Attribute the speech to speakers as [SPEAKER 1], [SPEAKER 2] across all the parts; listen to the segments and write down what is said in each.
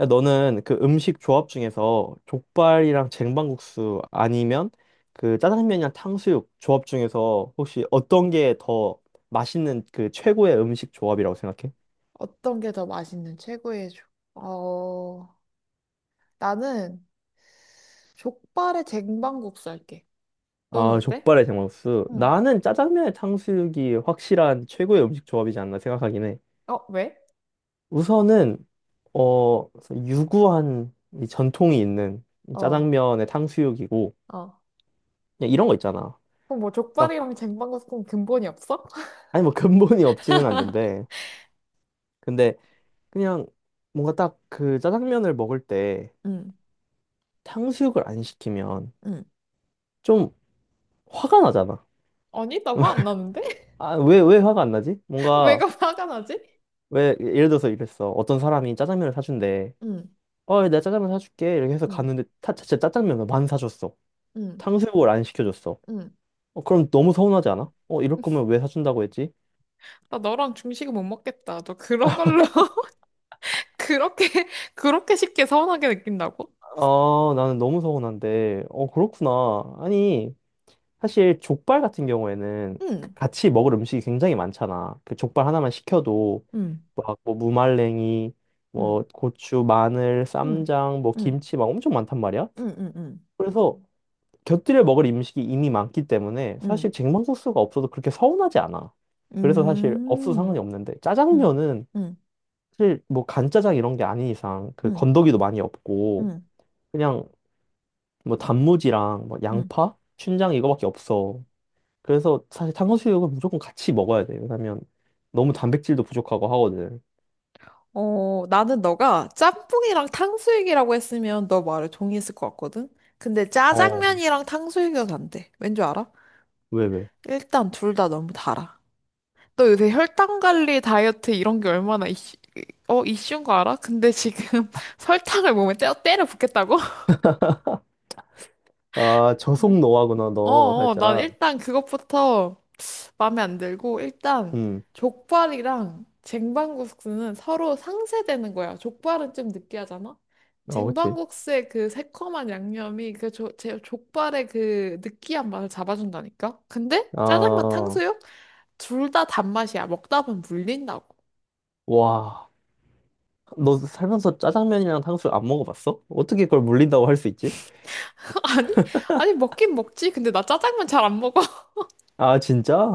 [SPEAKER 1] 야, 너는 그 음식 조합 중에서 족발이랑 쟁반국수 아니면 그 짜장면이랑 탕수육 조합 중에서 혹시 어떤 게 더 맛있는 그 최고의 음식 조합이라고 생각해?
[SPEAKER 2] 어떤 게 더 맛있는 최고의 족? 어, 나는 족발에 쟁반국수 할게. 너는
[SPEAKER 1] 아,
[SPEAKER 2] 어때?
[SPEAKER 1] 족발에 쟁반국수.
[SPEAKER 2] 응.
[SPEAKER 1] 나는 짜장면에 탕수육이 확실한 최고의 음식 조합이지 않나 생각하긴 해.
[SPEAKER 2] 어, 왜?
[SPEAKER 1] 우선은 어 유구한 이 전통이 있는 이
[SPEAKER 2] 어,
[SPEAKER 1] 짜장면에 탕수육이고,
[SPEAKER 2] 어.
[SPEAKER 1] 그냥 이런 거 있잖아.
[SPEAKER 2] 그럼 뭐
[SPEAKER 1] 딱
[SPEAKER 2] 족발이랑 쟁반국수 그럼 근본이 없어?
[SPEAKER 1] 아니 뭐 근본이 없지는 않는데, 근데 그냥 뭔가 딱 그 짜장면을 먹을 때
[SPEAKER 2] 응,
[SPEAKER 1] 탕수육을 안 시키면
[SPEAKER 2] 응,
[SPEAKER 1] 좀 화가 나잖아.
[SPEAKER 2] 아니, 나 화 안 나는데?
[SPEAKER 1] 아, 왜, 왜 화가 안 나지? 뭔가,
[SPEAKER 2] 왜가 화가 나지?
[SPEAKER 1] 왜, 예를 들어서 이랬어. 어떤 사람이 짜장면을 사준대.
[SPEAKER 2] 응,
[SPEAKER 1] 어, 내가 짜장면 사줄게. 이렇게 해서
[SPEAKER 2] 응,
[SPEAKER 1] 갔는데, 타, 진짜 짜장면을 만 사줬어.
[SPEAKER 2] 응,
[SPEAKER 1] 탕수육을 안 시켜줬어.
[SPEAKER 2] 응.
[SPEAKER 1] 어, 그럼 너무 서운하지 않아? 어, 이럴 거면 왜 사준다고 했지?
[SPEAKER 2] 나 너랑 중식은 못 먹겠다. 너 그런 걸로 그렇게 그렇게 쉽게 서운하게 느낀다고?
[SPEAKER 1] 아, 나는 너무 서운한데. 어, 그렇구나. 아니, 사실 족발 같은 경우에는 그
[SPEAKER 2] 응,
[SPEAKER 1] 같이 먹을 음식이 굉장히 많잖아. 그 족발 하나만 시켜도
[SPEAKER 2] 응,
[SPEAKER 1] 막 뭐 무말랭이,
[SPEAKER 2] 응,
[SPEAKER 1] 뭐 고추, 마늘,
[SPEAKER 2] 응,
[SPEAKER 1] 쌈장, 뭐
[SPEAKER 2] 응,
[SPEAKER 1] 김치 막 엄청 많단 말이야.
[SPEAKER 2] 응, 응, 응,
[SPEAKER 1] 그래서 곁들여 먹을 음식이 이미 많기 때문에
[SPEAKER 2] 응.
[SPEAKER 1] 사실 쟁반국수가 없어도 그렇게 서운하지 않아. 그래서 사실 없어도
[SPEAKER 2] 음,
[SPEAKER 1] 상관이 없는데,
[SPEAKER 2] 음,
[SPEAKER 1] 짜장면은
[SPEAKER 2] 음,
[SPEAKER 1] 사실 뭐 간짜장 이런 게 아닌 이상 그
[SPEAKER 2] 음,
[SPEAKER 1] 건더기도 많이 없고
[SPEAKER 2] 음,
[SPEAKER 1] 그냥 뭐 단무지랑 뭐
[SPEAKER 2] 음.
[SPEAKER 1] 양파, 춘장 이거밖에 없어. 그래서 사실 탕수육은 무조건 같이 먹어야 돼. 왜냐면 너무 단백질도 부족하고 하거든.
[SPEAKER 2] 어, 나는 너가 짬뽕이랑 탕수육이라고 했으면 너 말을 동의했을 것 같거든? 근데
[SPEAKER 1] 어,
[SPEAKER 2] 짜장면이랑 탕수육은 안 돼. 왠 줄 알아?
[SPEAKER 1] 왜, 왜?
[SPEAKER 2] 일단 둘 다 너무 달아. 너 요새 혈당 관리, 다이어트 이런 게 얼마나 이슈인 거 알아? 근데 지금 설탕을 몸에 때려 붓겠다고?
[SPEAKER 1] 아, 저속 노화구나,
[SPEAKER 2] 어,
[SPEAKER 1] 너,
[SPEAKER 2] 어, 난
[SPEAKER 1] 살짝.
[SPEAKER 2] 일단 그것부터 마음에 안 들고 일단
[SPEAKER 1] 음,
[SPEAKER 2] 족발이랑 쟁반국수는 서로 상쇄되는 거야. 족발은 좀 느끼하잖아.
[SPEAKER 1] 어, 그치.
[SPEAKER 2] 쟁반국수의 그 새콤한 양념이 제 족발의 그 느끼한 맛을 잡아준다니까. 근데 짜장면
[SPEAKER 1] 아,
[SPEAKER 2] 탕수육 둘 다 단맛이야. 먹다 보면 물린다고.
[SPEAKER 1] 와. 너 살면서 짜장면이랑 탕수육 안 먹어봤어? 어떻게 그걸 물린다고 할 수 있지?
[SPEAKER 2] 아니 아니 먹긴 먹지. 근데 나 짜장면 잘 안 먹어.
[SPEAKER 1] 아,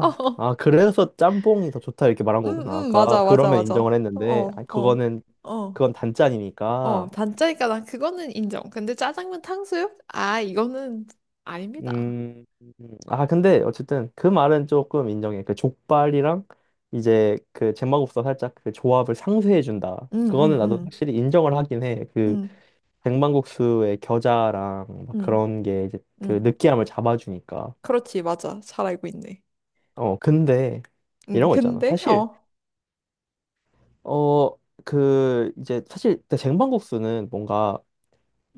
[SPEAKER 2] 어, 어.
[SPEAKER 1] 아, 그래서 짬뽕이 더 좋다, 이렇게 말한
[SPEAKER 2] 음,
[SPEAKER 1] 거구나. 아까
[SPEAKER 2] 맞아, 맞아,
[SPEAKER 1] 그러면
[SPEAKER 2] 맞아.
[SPEAKER 1] 인정을 했는데, 아,
[SPEAKER 2] 어, 어,
[SPEAKER 1] 그거는,
[SPEAKER 2] 어.
[SPEAKER 1] 그건
[SPEAKER 2] 어,
[SPEAKER 1] 단짠이니까.
[SPEAKER 2] 단짜니까 난 그거는 인정. 근데 짜장면 탕수육? 아, 이거는 아닙니다.
[SPEAKER 1] 음, 아, 근데 어쨌든 그 말은 조금 인정해. 그 족발이랑 이제 그제반국수 살짝 그 조합을 상쇄해 준다.
[SPEAKER 2] 응,
[SPEAKER 1] 그거는
[SPEAKER 2] 응,
[SPEAKER 1] 나도
[SPEAKER 2] 응,
[SPEAKER 1] 확실히 인정을 하긴 해. 그
[SPEAKER 2] 응,
[SPEAKER 1] 백만국수의 겨자랑 막
[SPEAKER 2] 응,
[SPEAKER 1] 그런 게 이제 그
[SPEAKER 2] 응.
[SPEAKER 1] 느끼함을 잡아주니까.
[SPEAKER 2] 그렇지, 맞아. 잘 알고 있네.
[SPEAKER 1] 어, 근데
[SPEAKER 2] 응,
[SPEAKER 1] 이런 거 있잖아.
[SPEAKER 2] 근데,
[SPEAKER 1] 사실
[SPEAKER 2] 어,
[SPEAKER 1] 어, 그 이제 사실 쟁반국수는 뭔가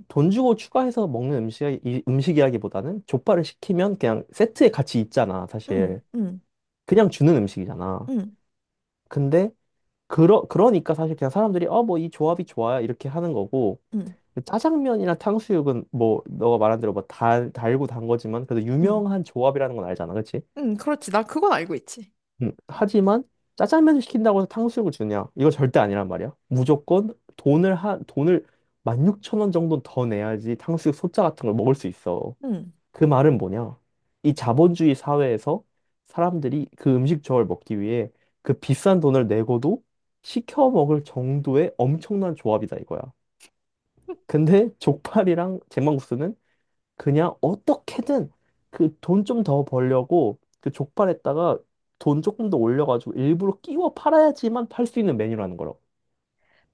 [SPEAKER 1] 돈 주고 추가해서 먹는 음식이라기보다는 족발을 시키면 그냥 세트에 같이 있잖아,
[SPEAKER 2] 응,
[SPEAKER 1] 사실.
[SPEAKER 2] 응,
[SPEAKER 1] 그냥 주는 음식이잖아.
[SPEAKER 2] 응,
[SPEAKER 1] 근데 그러니까 사실 그냥 사람들이 어 뭐 이 조합이 좋아요 이렇게 하는 거고,
[SPEAKER 2] 응,
[SPEAKER 1] 짜장면이나 탕수육은 뭐 너가 말한 대로 뭐 달고 단 거지만 그래도
[SPEAKER 2] 응,
[SPEAKER 1] 유명한 조합이라는 건 알잖아, 그치?
[SPEAKER 2] 응, 그렇지. 나 그건 알고 있지.
[SPEAKER 1] 하지만 짜장면을 시킨다고 해서 탕수육을 주냐? 이거 절대 아니란 말이야. 무조건 돈을 한 돈을 16,000원 정도 더 내야지 탕수육 소짜 같은 걸 먹을 수 있어.
[SPEAKER 2] 응.
[SPEAKER 1] 그 말은 뭐냐? 이 자본주의 사회에서 사람들이 그 음식 저을 먹기 위해 그 비싼 돈을 내고도 시켜 먹을 정도의 엄청난 조합이다 이거야. 근데 족발이랑 제망국수는 그냥 어떻게든 그 돈 좀 더 벌려고 그 족발에다가 돈 조금 더 올려가지고 일부러 끼워 팔아야지만 팔 수 있는 메뉴라는 거라고.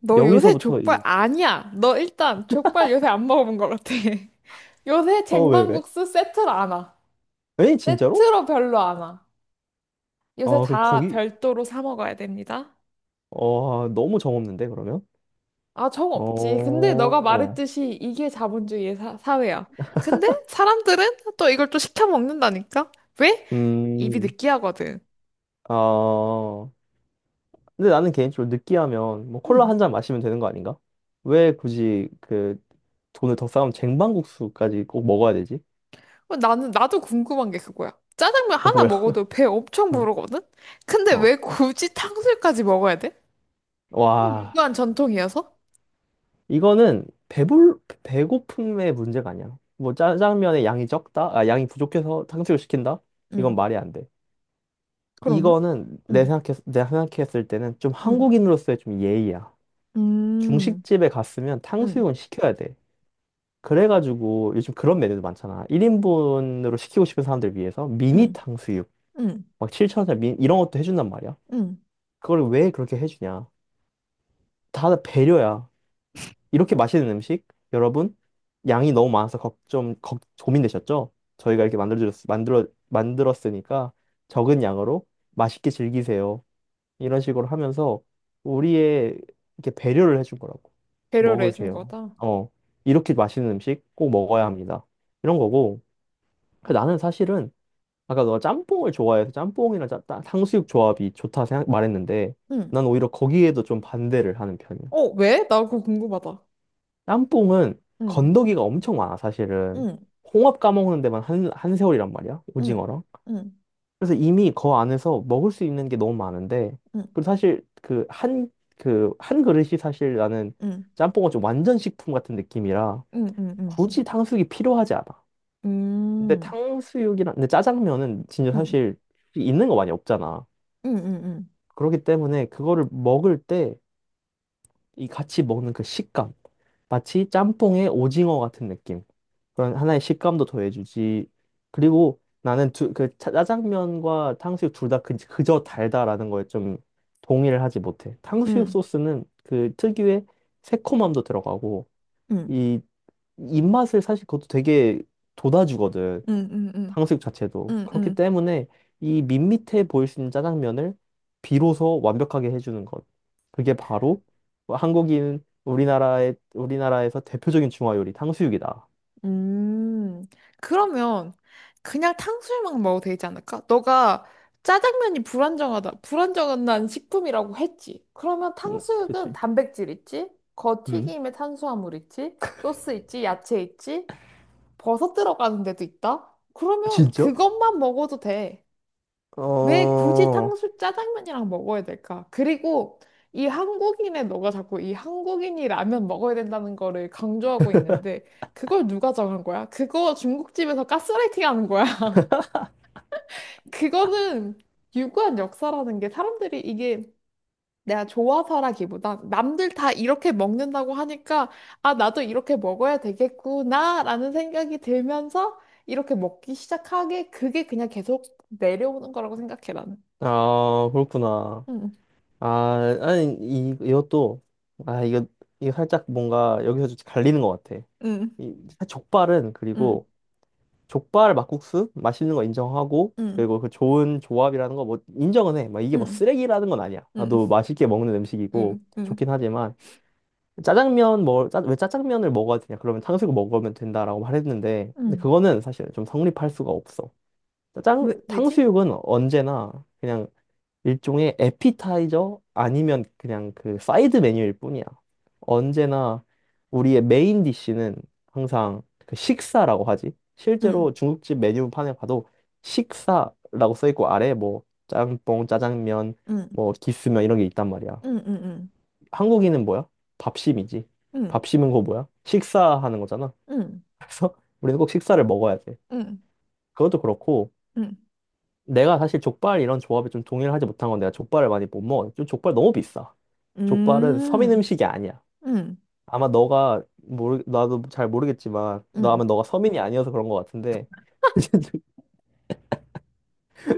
[SPEAKER 2] 너 요새
[SPEAKER 1] 여기서부터
[SPEAKER 2] 족발
[SPEAKER 1] 이,
[SPEAKER 2] 아니야. 너 일단 족발 요새 안 먹어본 것 같아. 요새
[SPEAKER 1] 어, 왜, 왜?
[SPEAKER 2] 쟁반국수 세트로 안 와.
[SPEAKER 1] 에? 진짜로?
[SPEAKER 2] 세트로 별로 안 와. 요새
[SPEAKER 1] 어, 그럼
[SPEAKER 2] 다
[SPEAKER 1] 거기,
[SPEAKER 2] 별도로 사 먹어야 됩니다.
[SPEAKER 1] 어, 너무 정없는데, 그러면?
[SPEAKER 2] 아, 정 없지. 근데 너가
[SPEAKER 1] 어,
[SPEAKER 2] 말했듯이 이게 자본주의의 사회야. 근데 사람들은 또 이걸 또 시켜 먹는다니까? 왜? 입이
[SPEAKER 1] 음,
[SPEAKER 2] 느끼하거든.
[SPEAKER 1] 아. 근데 나는 개인적으로 느끼하면 뭐 콜라
[SPEAKER 2] 응.
[SPEAKER 1] 한 잔 마시면 되는 거 아닌가? 왜 굳이 그 돈을 더 싸면 쟁반국수까지 꼭 먹어야 되지?
[SPEAKER 2] 나도 궁금한 게 그거야. 짜장면
[SPEAKER 1] 어,
[SPEAKER 2] 하나
[SPEAKER 1] 뭐야?
[SPEAKER 2] 먹어도 배 엄청 부르거든? 근데
[SPEAKER 1] 어.
[SPEAKER 2] 왜
[SPEAKER 1] 어.
[SPEAKER 2] 굳이 탕수육까지 먹어야 돼? 그냥
[SPEAKER 1] 와,
[SPEAKER 2] 유교한 전통이어서?
[SPEAKER 1] 이거는 배불 배고픔의 문제가 아니야. 뭐 짜장면의 양이 적다, 아 양이 부족해서 탕수육 시킨다? 이건
[SPEAKER 2] 응.
[SPEAKER 1] 말이 안 돼.
[SPEAKER 2] 그러면?
[SPEAKER 1] 이거는 내
[SPEAKER 2] 응,
[SPEAKER 1] 생각했 내가 생각했을 때는 좀
[SPEAKER 2] 응,
[SPEAKER 1] 한국인으로서의 좀 예의야.
[SPEAKER 2] 음,
[SPEAKER 1] 중식집에 갔으면
[SPEAKER 2] 응,
[SPEAKER 1] 탕수육은 시켜야 돼. 그래가지고 요즘 그런 메뉴도 많잖아. 1인분으로 시키고 싶은 사람들 위해서 미니
[SPEAKER 2] 응,
[SPEAKER 1] 탕수육,
[SPEAKER 2] 응,
[SPEAKER 1] 막 7,000원 미 이런 것도 해준단 말이야.
[SPEAKER 2] 응.
[SPEAKER 1] 그걸 왜 그렇게 해주냐? 다 배려야. 이렇게 맛있는 음식, 여러분, 양이 너무 많아서 고민되셨죠? 저희가 이렇게 만들었으니까 적은 양으로 맛있게 즐기세요. 이런 식으로 하면서 우리의 이렇게 배려를 해준 거라고.
[SPEAKER 2] 배려를 해준
[SPEAKER 1] 먹으세요.
[SPEAKER 2] 거다.
[SPEAKER 1] 어. 이렇게 맛있는 음식 꼭 먹어야 합니다. 이런 거고. 그 나는 사실은 아까 너가 짬뽕을 좋아해서 짬뽕이랑 탕수육 조합이 좋다 생각 말했는데,
[SPEAKER 2] 응.
[SPEAKER 1] 난 오히려 거기에도 좀 반대를 하는 편이야.
[SPEAKER 2] 어, 왜? 나 그거 궁금하다.
[SPEAKER 1] 짬뽕은
[SPEAKER 2] 응.
[SPEAKER 1] 건더기가 엄청 많아 사실은.
[SPEAKER 2] 응.
[SPEAKER 1] 홍합 까먹는 데만 한, 한 세월이란 말이야.
[SPEAKER 2] 응,
[SPEAKER 1] 오징어랑.
[SPEAKER 2] 응,
[SPEAKER 1] 그래서 이미 그 안에서 먹을 수 있는 게 너무 많은데,
[SPEAKER 2] 응,
[SPEAKER 1] 그리고 사실 그 한 그릇이 사실 나는
[SPEAKER 2] 응,
[SPEAKER 1] 짬뽕은 좀 완전 식품 같은 느낌이라
[SPEAKER 2] 응, 응, 응,
[SPEAKER 1] 굳이 탕수육이 필요하지 않아. 근데
[SPEAKER 2] 음,
[SPEAKER 1] 탕수육이랑 근데 짜장면은 진짜
[SPEAKER 2] 응, 응,
[SPEAKER 1] 사실 있는 거 많이 없잖아.
[SPEAKER 2] 응, 응,
[SPEAKER 1] 그렇기 때문에 그거를 먹을 때 이 같이 먹는 그 식감, 마치 짬뽕에 오징어 같은 느낌. 그런 하나의 식감도 더해주지. 그리고 나는 짜장면과 탕수육 둘 다 그저 달다라는 거에 좀 동의를 하지 못해. 탕수육
[SPEAKER 2] 응,
[SPEAKER 1] 소스는 그 특유의 새콤함도 들어가고
[SPEAKER 2] 응, 응,
[SPEAKER 1] 이 입맛을 사실 그것도 되게 돋아주거든.
[SPEAKER 2] 응, 응, 응.
[SPEAKER 1] 탕수육 자체도.
[SPEAKER 2] 응,
[SPEAKER 1] 그렇기
[SPEAKER 2] 응,
[SPEAKER 1] 때문에 이 밋밋해 보일 수 있는 짜장면을 비로소 완벽하게 해주는 것. 그게 바로 한국인 우리나라의 우리나라에서 대표적인 중화 요리 탕수육이다.
[SPEAKER 2] 음, 그러면 그냥 탕수육만 먹어도 되지 않을까? 너가 짜장면이 불안정하다, 불안정한 식품이라고 했지. 그러면
[SPEAKER 1] 음,
[SPEAKER 2] 탕수육은
[SPEAKER 1] 그치?
[SPEAKER 2] 단백질 있지?
[SPEAKER 1] 음.
[SPEAKER 2] 겉튀김에 탄수화물 있지? 소스 있지? 야채 있지? 버섯 들어가는 데도 있다? 그러면
[SPEAKER 1] 진짜?
[SPEAKER 2] 그것만 먹어도 돼. 왜 굳이
[SPEAKER 1] 어,
[SPEAKER 2] 탕수 짜장면이랑 먹어야 될까? 그리고 이 한국인의 너가 자꾸 이 한국인이 라면 먹어야 된다는 거를 강조하고 있는데 그걸 누가 정한 거야? 그거 중국집에서 가스라이팅 하는 거야? 그거는 유구한 역사라는 게 사람들이 이게 내가 좋아서라기보단 남들 다 이렇게 먹는다고 하니까 아 나도 이렇게 먹어야 되겠구나라는 생각이 들면서 이렇게 먹기 시작하게 그게 그냥 계속 내려오는 거라고 생각해 나는.
[SPEAKER 1] 아, 그렇구나.
[SPEAKER 2] 응,
[SPEAKER 1] 아, 아니, 이것도, 아, 이거 살짝 뭔가 여기서 좀 갈리는 것 같아.
[SPEAKER 2] 응,
[SPEAKER 1] 족발은
[SPEAKER 2] 응.
[SPEAKER 1] 그리고 족발 막국수 맛있는 거 인정하고
[SPEAKER 2] 응,
[SPEAKER 1] 그리고 그 좋은 조합이라는 거 뭐 인정은 해. 막 이게 뭐
[SPEAKER 2] 응,
[SPEAKER 1] 쓰레기라는 건 아니야.
[SPEAKER 2] 응,
[SPEAKER 1] 나도 맛있게 먹는 음식이고
[SPEAKER 2] 응, 응,
[SPEAKER 1] 좋긴 하지만, 왜 짜장면을 먹어야 되냐? 그러면 탕수육 먹으면 된다라고 말했는데, 근데
[SPEAKER 2] 응.
[SPEAKER 1] 그거는 사실 좀 성립할 수가 없어. 짜장
[SPEAKER 2] 왜, 왜지?
[SPEAKER 1] 탕수육은 언제나 그냥 일종의 에피타이저 아니면 그냥 그 사이드 메뉴일 뿐이야. 언제나 우리의 메인 디쉬는 항상 그 식사라고 하지.
[SPEAKER 2] 응,
[SPEAKER 1] 실제로 중국집 메뉴판에 봐도 식사라고 써 있고, 아래에 뭐 짬뽕, 짜장면,
[SPEAKER 2] 응,
[SPEAKER 1] 뭐 기스면 이런 게 있단 말이야.
[SPEAKER 2] 응, 응, 응,
[SPEAKER 1] 한국인은 뭐야? 밥심이지.
[SPEAKER 2] 응,
[SPEAKER 1] 밥심은 그거 뭐야? 식사하는 거잖아.
[SPEAKER 2] 응,
[SPEAKER 1] 그래서 우리는 꼭 식사를 먹어야 돼.
[SPEAKER 2] 응,
[SPEAKER 1] 그것도 그렇고,
[SPEAKER 2] 응,
[SPEAKER 1] 내가 사실 족발 이런 조합에 좀 동의를 하지 못한 건 내가 족발을 많이 못 먹어. 좀 족발 너무 비싸. 족발은 서민
[SPEAKER 2] 응,
[SPEAKER 1] 음식이 아니야.
[SPEAKER 2] 응.
[SPEAKER 1] 아마 너가 모르 나도 잘 모르겠지만 너
[SPEAKER 2] 응.
[SPEAKER 1] 아마 너가 서민이 아니어서 그런 것 같은데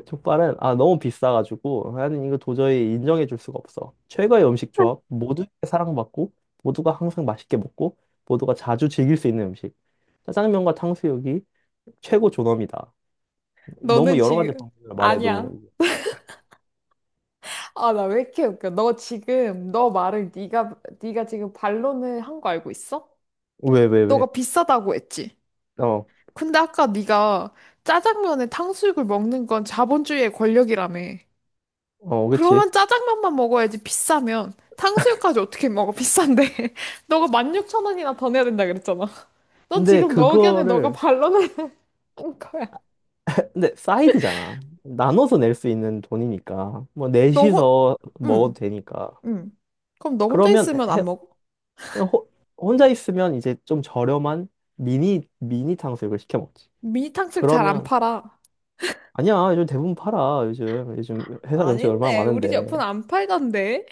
[SPEAKER 1] 족발은 아 너무 비싸가지고 나는 이거 도저히 인정해 줄 수가 없어. 최고의 음식 조합, 모두에게 사랑받고 모두가 항상 맛있게 먹고 모두가 자주 즐길 수 있는 음식. 짜장면과 탕수육이 최고 존엄이다.
[SPEAKER 2] 너는
[SPEAKER 1] 너무 여러
[SPEAKER 2] 지금
[SPEAKER 1] 가지 방법을 말해도.
[SPEAKER 2] 아니야. 아, 나 왜 이렇게 웃겨? 너 지금 너 말을 네가 네가 지금 반론을 한 거 알고 있어?
[SPEAKER 1] 왜,
[SPEAKER 2] 너가 비싸다고 했지.
[SPEAKER 1] 어,
[SPEAKER 2] 근데 아까 네가 짜장면에 탕수육을 먹는 건 자본주의의 권력이라며.
[SPEAKER 1] 어, 그렇
[SPEAKER 2] 그러면 짜장면만 먹어야지 비싸면 탕수육까지 어떻게 먹어 비싼데 너가 16,000원이나 더 내야 된다 그랬잖아 넌
[SPEAKER 1] 근데
[SPEAKER 2] 지금 너 의견에 너가
[SPEAKER 1] 그거를
[SPEAKER 2] 반론을 하는 거야
[SPEAKER 1] 근데 사이드잖아. 나눠서 낼 수 있는 돈이니까 뭐
[SPEAKER 2] 너 혼...
[SPEAKER 1] 넷이서 먹어도
[SPEAKER 2] 응,
[SPEAKER 1] 되니까.
[SPEAKER 2] 응. 그럼 너 혼자
[SPEAKER 1] 그러면
[SPEAKER 2] 있으면
[SPEAKER 1] 해,
[SPEAKER 2] 안 먹어?
[SPEAKER 1] 그냥 호- 혼자 있으면 이제 좀 저렴한 미니 탕수육을 시켜 먹지.
[SPEAKER 2] 미니 탕수육 잘 안
[SPEAKER 1] 그러면
[SPEAKER 2] 팔아
[SPEAKER 1] 아니야 요즘 대부분 팔아. 요즘 회사 근처에 얼마나
[SPEAKER 2] 아닌데 우리 집
[SPEAKER 1] 많은데.
[SPEAKER 2] 옆은 안 팔던데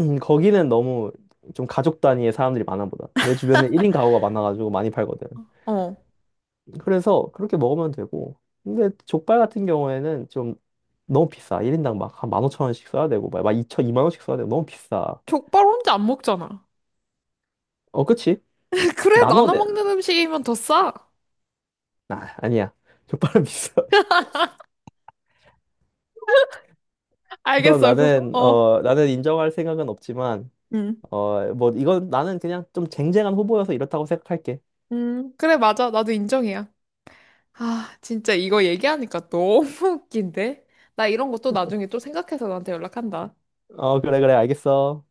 [SPEAKER 1] 거기는 너무 좀 가족 단위의 사람들이 많아 보다. 내 주변에 1인 가구가 많아가지고 많이 팔거든.
[SPEAKER 2] 어
[SPEAKER 1] 그래서 그렇게 먹으면 되고. 근데 족발 같은 경우에는 좀 너무 비싸. 1인당 막 한 15,000원씩 써야 되고, 막 2천, 2만 원씩 써야 되고, 너무 비싸.
[SPEAKER 2] 족발 혼자 안 먹잖아
[SPEAKER 1] 어, 그치?
[SPEAKER 2] 그래
[SPEAKER 1] 나눠
[SPEAKER 2] 나눠
[SPEAKER 1] 내.
[SPEAKER 2] 먹는 음식이면 더 싸
[SPEAKER 1] 아, 아니야. 족발은 비싸. 우선
[SPEAKER 2] 알겠어 그거
[SPEAKER 1] 나는,
[SPEAKER 2] 어
[SPEAKER 1] 어, 나는 인정할 생각은 없지만,
[SPEAKER 2] 응,
[SPEAKER 1] 어, 뭐, 이건 나는 그냥 좀 쟁쟁한 후보여서 이렇다고 생각할게.
[SPEAKER 2] 응. 그래 맞아 나도 인정이야 아, 진짜 이거 얘기하니까 너무 웃긴데? 나 이런 것도 나중에 또 생각해서 너한테 연락한다.
[SPEAKER 1] 어, 그래, 그래, 알겠어.